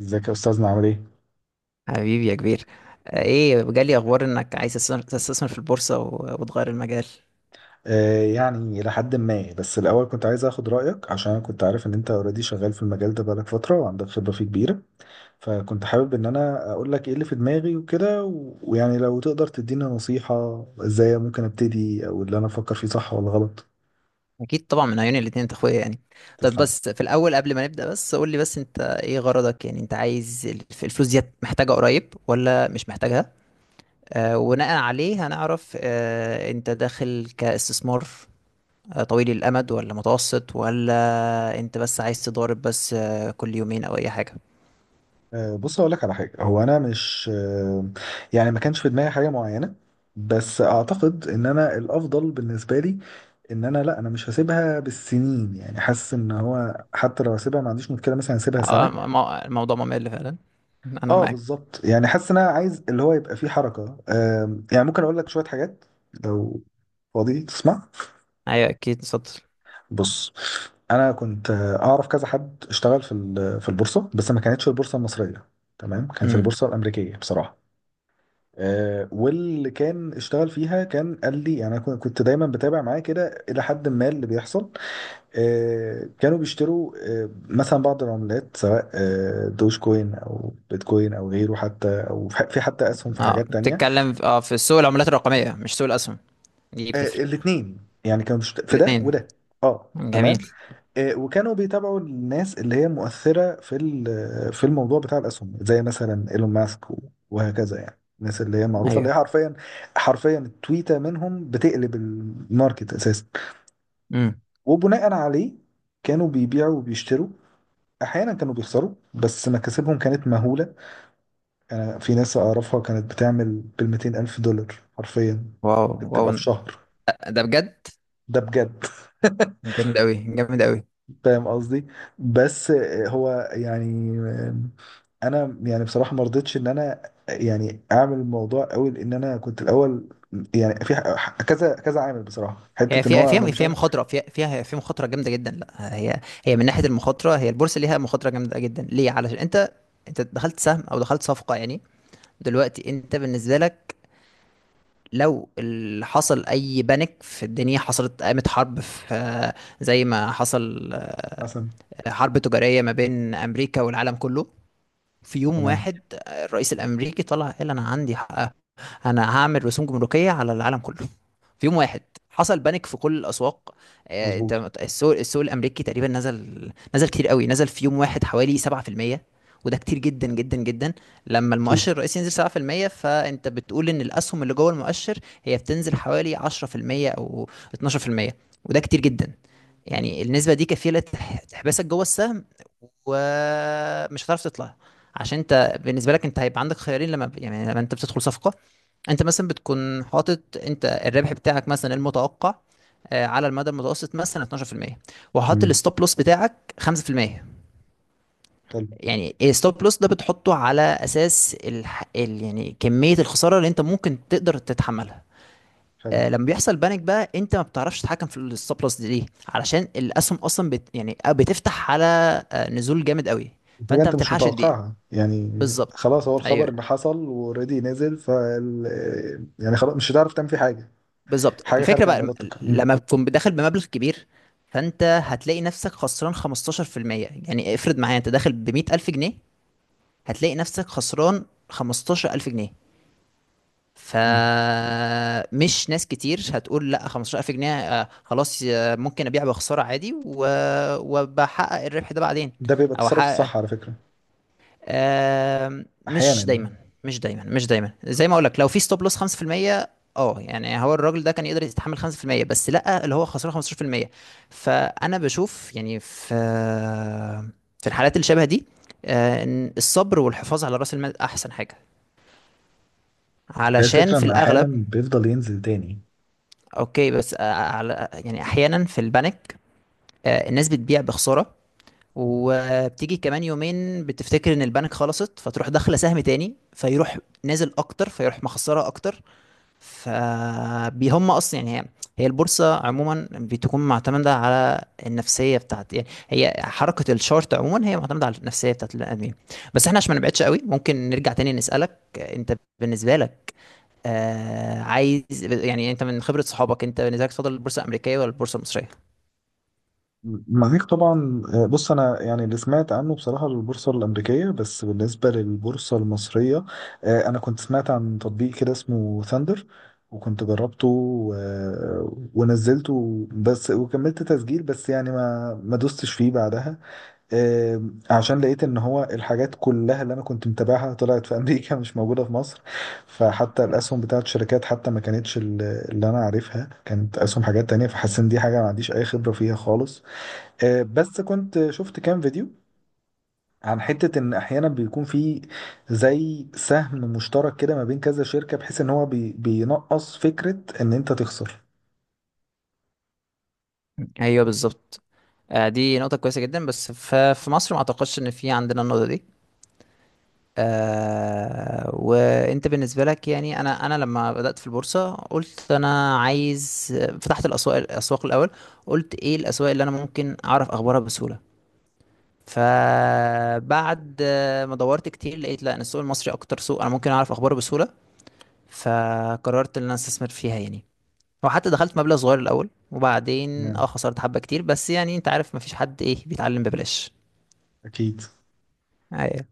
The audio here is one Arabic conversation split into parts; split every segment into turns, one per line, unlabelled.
ازيك يا استاذنا، عامل ايه؟
حبيبي يا كبير. ايه جالي اخبار انك عايز تستثمر تستثمر في البورصة وتغير المجال.
آه، يعني الى حد ما. بس الاول كنت عايز اخد رايك عشان انا كنت عارف ان انت اوريدي شغال في المجال ده بقالك فتره وعندك خبره فيه كبيره. فكنت حابب ان انا اقول لك ايه اللي في دماغي وكده، و- ويعني لو تقدر تدينا نصيحه ازاي ممكن ابتدي، او اللي انا افكر فيه صح ولا غلط؟
اكيد طبعا، من عيون الاتنين، انت اخويا يعني. طب
تسلم.
بس في الاول قبل ما نبدأ، بس قول لي بس، انت ايه غرضك؟ يعني انت عايز، الفلوس دي محتاجة قريب ولا مش محتاجها؟ وبناء عليه هنعرف، انت داخل كاستثمار طويل الامد ولا متوسط، ولا انت بس عايز تضارب بس كل يومين او اي حاجة؟
آه، بص اقول لك على حاجه. هو انا مش يعني ما كانش في دماغي حاجه معينه. بس اعتقد ان انا الافضل بالنسبه لي ان انا، لا انا مش هسيبها بالسنين. يعني حاسس ان هو حتى لو هسيبها ما عنديش مشكله، مثلا هسيبها
آه،
سنه.
م- م- الموضوع ممل فعلا، انا
اه
معاك.
بالظبط. يعني حاسس ان انا عايز اللي هو يبقى فيه حركه. يعني ممكن اقول لك شويه حاجات لو فاضي تسمع؟
ايوه اكيد، اتفضل.
بص، انا كنت اعرف كذا حد اشتغل في البورصه، بس ما كانتش البورصه المصريه. تمام، كانت البورصه الامريكيه بصراحه. واللي كان اشتغل فيها كان قال لي، يعني انا كنت دايما بتابع معاه كده الى حد ما اللي بيحصل. كانوا بيشتروا. مثلا بعض العملات، سواء دوج كوين او بيتكوين او غيره، حتى او في حتى اسهم في
اه
حاجات تانية.
بتتكلم في سوق العملات الرقمية مش سوق الأسهم، دي بتفرق.
الاثنين. يعني كانوا في ده
الاتنين،
وده. اه تمام.
جميل.
وكانوا بيتابعوا الناس اللي هي مؤثرة في الموضوع بتاع الأسهم، زي مثلا إيلون ماسك و- وهكذا. يعني الناس اللي هي معروفة، اللي هي
ايوه.
حرفيا حرفيا التويتة منهم بتقلب الماركت أساسا.
امم.
وبناء عليه، كانوا بيبيعوا وبيشتروا. أحيانا كانوا بيخسروا بس مكاسبهم كانت مهولة. أنا في ناس أعرفها كانت بتعمل بالـ200 ألف دولار حرفيا.
واو.
ممكن
واو،
تبقى في شهر.
ده بجد.
ده بجد.
جامد قوي، جامد قوي.
فاهم قصدي؟ بس هو يعني انا، يعني بصراحه ما رضيتش ان انا يعني اعمل الموضوع قوي، لان انا كنت الاول. يعني في كذا كذا عامل بصراحه،
هي
حته ان
فيها
هو انا
فيها
مش
فيها
عارف.
مخاطرة، فيها فيها فيها مخاطرة جامدة جدا. لا، هي هي من ناحية المخاطرة، هي البورصة ليها مخاطرة جامدة جدا. ليه؟ علشان انت، انت دخلت سهم او دخلت صفقة يعني. دلوقتي انت بالنسبة لك، لو حصل اي بانيك في الدنيا، حصلت، قامت حرب في، زي ما حصل،
مثلا.
حرب تجارية ما بين أمريكا والعالم كله. في يوم
تمام.
واحد الرئيس الأمريكي طلع قال أنا عندي حق. أنا هعمل رسوم جمركية على العالم كله. في يوم واحد حصل بانيك في كل الاسواق.
مظبوط.
انت السوق السوق الامريكي تقريبا نزل نزل كتير قوي، نزل في يوم واحد حوالي 7%، وده كتير جدا جدا جدا. لما
اكيد.
المؤشر الرئيسي ينزل 7%، فانت بتقول ان الاسهم اللي جوه المؤشر هي بتنزل حوالي 10% او 12%، وده كتير جدا. يعني النسبة دي كفيلة تحبسك جوه السهم ومش هتعرف تطلع. عشان انت بالنسبة لك، انت هيبقى عندك خيارين لما، يعني لما انت بتدخل صفقة، انت مثلا بتكون حاطط انت الربح بتاعك مثلا المتوقع، على المدى المتوسط مثلا 12%، وحاطط
تمام.
الستوب لوس بتاعك 5%.
حلو.
يعني الستوب لوس ده بتحطه على اساس يعني كمية الخسارة اللي انت ممكن تقدر تتحملها.
حلو.
لما بيحصل بانيك بقى، انت ما بتعرفش تتحكم في الستوب لوس دي. ليه؟ علشان الاسهم اصلا يعني بتفتح على نزول جامد قوي،
حاجه
فانت ما
انت مش
بتلحقش تبيع.
متوقعها يعني.
بالظبط.
خلاص، هو الخبر
ايوه
ان حصل واوريدي نزل، يعني خلاص مش هتعرف تعمل فيه حاجه.
بالظبط.
حاجه
الفكره
خارجه عن
بقى
ارادتك
لما تكون داخل بمبلغ كبير، فانت هتلاقي نفسك خسران 15%. يعني افرض معايا، انت داخل ب 100000 جنيه، هتلاقي نفسك خسران 15000 جنيه.
م.
فمش ناس كتير هتقول لا 15000 جنيه، خلاص، ممكن ابيع بخساره عادي وبحقق الربح ده بعدين،
ده بيبقى
او
التصرف
احقق.
الصح على فكره. احيانا
مش
يعني.
دايما، مش دايما مش دايما، زي ما اقول لك، لو في ستوب لوس 5%، اه يعني هو الراجل ده كان يقدر يتحمل 5% بس، لا اللي هو خسران 15%. فانا بشوف يعني في، في الحالات اللي شبه دي، ان الصبر والحفاظ على راس المال احسن حاجه،
ده
علشان
الفكره،
في
ان احيانا
الاغلب.
بيفضل ينزل تاني.
اوكي بس، على يعني احيانا في البانيك الناس بتبيع بخساره، وبتيجي كمان يومين بتفتكر ان البنك خلصت، فتروح داخله سهم تاني، فيروح نازل اكتر، فيروح مخسره اكتر. فبيهم اصلا، يعني هي هي البورصه عموما بتكون معتمده على النفسيه بتاعت، يعني هي حركه الشارت عموما هي معتمده على النفسيه بتاعت البني ادمين. بس احنا عشان ما نبعدش قوي، ممكن نرجع تاني نسالك انت، بالنسبه لك، عايز يعني، انت من خبره صحابك، انت بالنسبه لك تفضل البورصه الامريكيه ولا البورصه المصريه؟
معاك طبعا. بص انا يعني اللي سمعت عنه بصراحه البورصه الامريكيه. بس بالنسبه للبورصه المصريه، انا كنت سمعت عن تطبيق كده اسمه ثاندر. وكنت جربته و- ونزلته بس، وكملت تسجيل بس، يعني ما دوستش فيه بعدها. آه، عشان لقيت ان هو الحاجات كلها اللي انا كنت متابعها طلعت في امريكا، مش موجوده في مصر. فحتى الاسهم بتاعت الشركات حتى ما كانتش اللي انا عارفها، كانت اسهم حاجات تانية، فحسيت ان دي حاجه ما عنديش اي خبره فيها خالص. بس كنت شفت كام فيديو عن حتة ان احيانا بيكون في زي سهم مشترك كده ما بين كذا شركة، بحيث ان هو بينقص فكرة ان انت تخسر.
ايوه بالظبط. دي نقطة كويسة جدا، بس في مصر ما اعتقدش ان في عندنا النقطة دي. وانت بالنسبة لك، يعني انا لما بدأت في البورصة قلت انا عايز، فتحت الاسواق. الاسواق الاول، قلت ايه الاسواق اللي انا ممكن اعرف اخبارها بسهولة؟ فبعد ما دورت كتير، لقيت لا، ان السوق المصري اكتر سوق انا ممكن اعرف اخباره بسهولة، فقررت ان انا استثمر فيها يعني. وحتى دخلت مبلغ صغير الاول وبعدين
تمام.
خسرت حبه كتير، بس يعني انت عارف مفيش حد ايه بيتعلم ببلاش.
اكيد.
ايوه.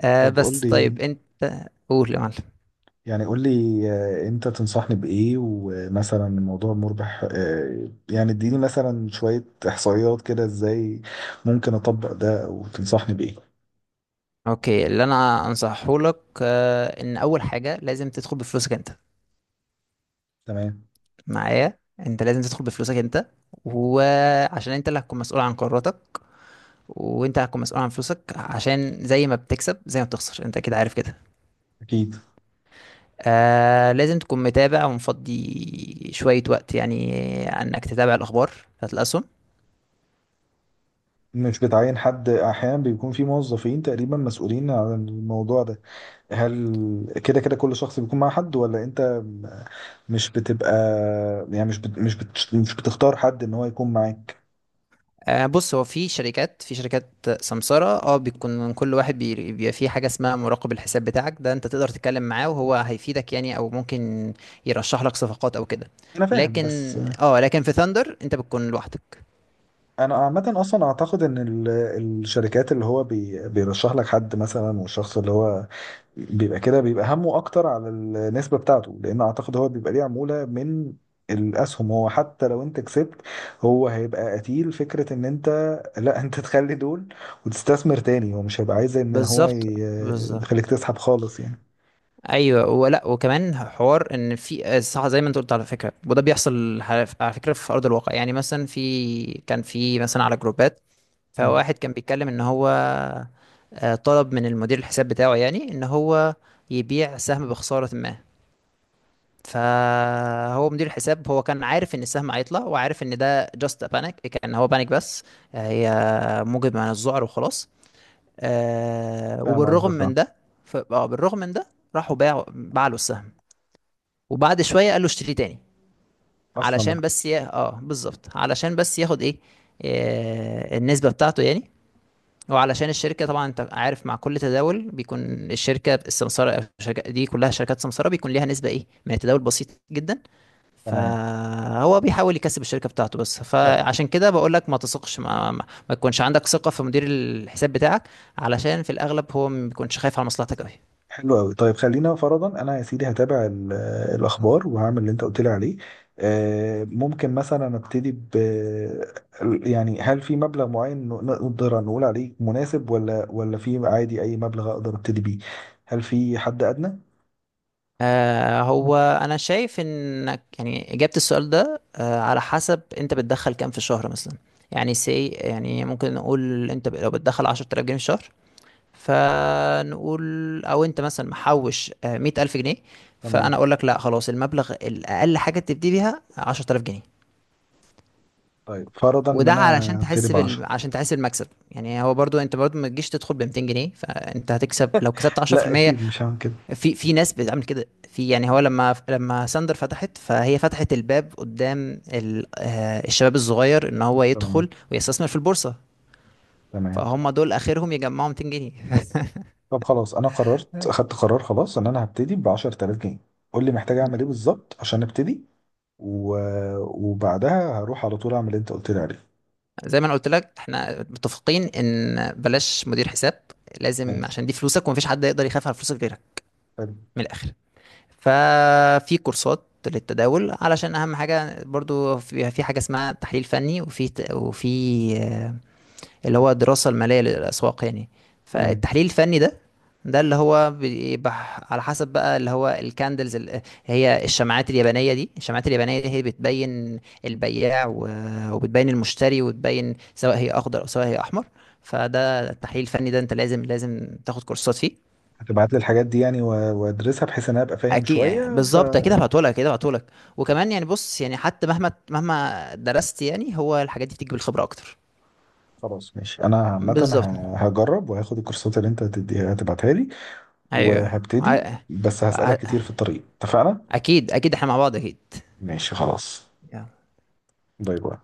طب قول
بس طيب
لي،
انت، قول يا معلم.
يعني قول لي، انت تنصحني بايه؟ ومثلا الموضوع مربح؟ يعني اديني مثلا شوية احصائيات كده، ازاي ممكن اطبق ده وتنصحني بايه؟
اوكي، اللي انا انصحه لك ان اول حاجه لازم تدخل بفلوسك انت.
تمام.
معايا، انت لازم تدخل بفلوسك انت، وعشان انت اللي هتكون مسؤول عن قراراتك، وانت هتكون مسؤول عن فلوسك، عشان زي ما بتكسب زي ما بتخسر، انت كده عارف كده.
اكيد.
لازم تكون متابع ومفضي شوية وقت، يعني انك تتابع الاخبار بتاعت الاسهم.
مش بتعين حد؟ احيانا بيكون في موظفين تقريبا مسؤولين عن الموضوع ده. هل كده كل شخص بيكون مع حد، ولا انت مش بتبقى، يعني مش بتختار حد ان هو يكون معاك؟
بص، هو في شركات، في شركات سمسارة، اه، بيكون كل واحد بيبقى فيه حاجة اسمها مراقب الحساب بتاعك، ده انت تقدر تتكلم معاه وهو هيفيدك يعني، او ممكن يرشح لك صفقات او كده.
انا فاهم
لكن،
بس.
اه لكن في ثاندر انت بتكون لوحدك.
انا عامة اصلا اعتقد ان الشركات اللي هو بيرشح لك حد مثلا، والشخص اللي هو بيبقى كده بيبقى همه اكتر على النسبه بتاعته، لان اعتقد هو بيبقى ليه عموله من الاسهم. هو حتى لو انت كسبت، هو هيبقى قتيل فكره ان انت لا، انت تخلي دول وتستثمر تاني. هو مش هيبقى عايز ان هو
بالظبط. بالظبط.
يخليك تسحب خالص يعني.
ايوه، ولا وكمان حوار، ان في صح زي ما انت قلت على فكره، وده بيحصل على فكره في ارض الواقع، يعني مثلا في، كان في مثلا على جروبات،
مم.
فواحد كان بيتكلم ان هو طلب من المدير الحساب بتاعه يعني ان هو يبيع سهم بخسارة ما. فهو مدير الحساب، هو كان عارف ان السهم هيطلع، وعارف ان ده جاست بانيك، كان هو بانيك بس، هي موجب من الذعر وخلاص.
فاهم
وبالرغم
قصدك. آه.
من ده، بالرغم من ده، راحوا باع له السهم، وبعد شوية قال له اشتري تاني،
اصلا
علشان
بقى.
بس ي... اه بالظبط، علشان بس ياخد ايه، النسبة بتاعته يعني. وعلشان الشركة، طبعا انت عارف، مع كل تداول بيكون، الشركة السمسارة أو الشركة، دي كلها شركات سمسارة، بيكون ليها نسبة ايه من التداول بسيط جدا.
تمام.
فهو بيحاول يكسب الشركة بتاعته بس، فعشان كده بقول لك ما تثقش، ما تكونش عندك ثقة في مدير الحساب بتاعك، علشان في الأغلب هو ما بيكونش خايف على مصلحتك قوي.
حلو قوي. طيب خلينا فرضا انا يا سيدي هتابع الاخبار وهعمل اللي انت قلت لي عليه. ممكن مثلا ابتدي يعني هل في مبلغ معين نقدر نقول عليه مناسب، ولا في عادي اي مبلغ اقدر ابتدي بيه؟ هل في حد ادنى؟
هو أنا شايف إنك، يعني إجابة السؤال ده على حسب أنت بتدخل كام في الشهر مثلا. يعني سي، يعني ممكن نقول أنت لو بتدخل 10000 جنيه في الشهر، فنقول، او انت مثلا محوش 100000 جنيه، فانا
تمام.
اقول لك لا خلاص، المبلغ الاقل حاجه تبتدي بيها 10000 جنيه.
طيب فرضا ان
وده علشان
انا ابتدي
تحس
ب 10.
عشان تحس المكسب يعني. هو برضو انت برضو ما تجيش تدخل ب 200 جنيه، فانت هتكسب لو كسبت
لا
10% في
اكيد، مش هعمل كده.
المية. في في ناس بتعمل كده، في يعني هو لما ساندر فتحت، فهي فتحت الباب قدام ال... آه، الشباب الصغير ان هو
تمام.
يدخل ويستثمر في البورصه،
تمام.
فهم دول اخرهم يجمعوا 200 جنيه.
طب خلاص، انا قررت، اخدت قرار خلاص ان انا هبتدي ب 10000 جنيه. قول لي محتاج اعمل ايه بالظبط عشان ابتدي. و... وبعدها هروح على طول اعمل اللي انت قلت لي عليه.
زي ما انا قلت لك، احنا متفقين ان بلاش مدير حساب، لازم،
ماشي.
عشان دي فلوسك ومفيش حد يقدر يخاف على فلوسك غيرك.
حلو.
من الاخر، ففي كورسات للتداول علشان اهم حاجه، برضو في في حاجه اسمها تحليل فني، وفي وفي اللي هو الدراسة المالية للأسواق يعني.
تمام.
فالتحليل الفني ده، ده اللي هو بيبقى على حسب بقى، اللي هو الكاندلز، اللي هي الشمعات اليابانية. دي الشمعات اليابانية دي هي بتبين البياع وبتبين المشتري، وتبين سواء هي أخضر أو سواء هي أحمر. فده التحليل الفني، ده أنت لازم لازم تاخد كورسات فيه.
هتبعت لي الحاجات دي يعني، و... وادرسها بحيث ان انا ابقى فاهم
أكيد،
شويه.
بالظبط، أكيد هبعتهولك، أكيد هبعتهولك. وكمان، يعني بص، يعني حتى مهما مهما درست، يعني هو الحاجات دي بتيجي بالخبرة أكتر.
فخلاص ماشي. انا عامه
بالظبط.
هجرب وهاخد الكورسات اللي انت هتديها هتبعتها لي.
أيوه
وهبتدي، بس هسألك كتير في الطريق، اتفقنا؟
اكيد، اكيد احنا مع بعض اكيد.
ماشي خلاص.
يا
باي باي.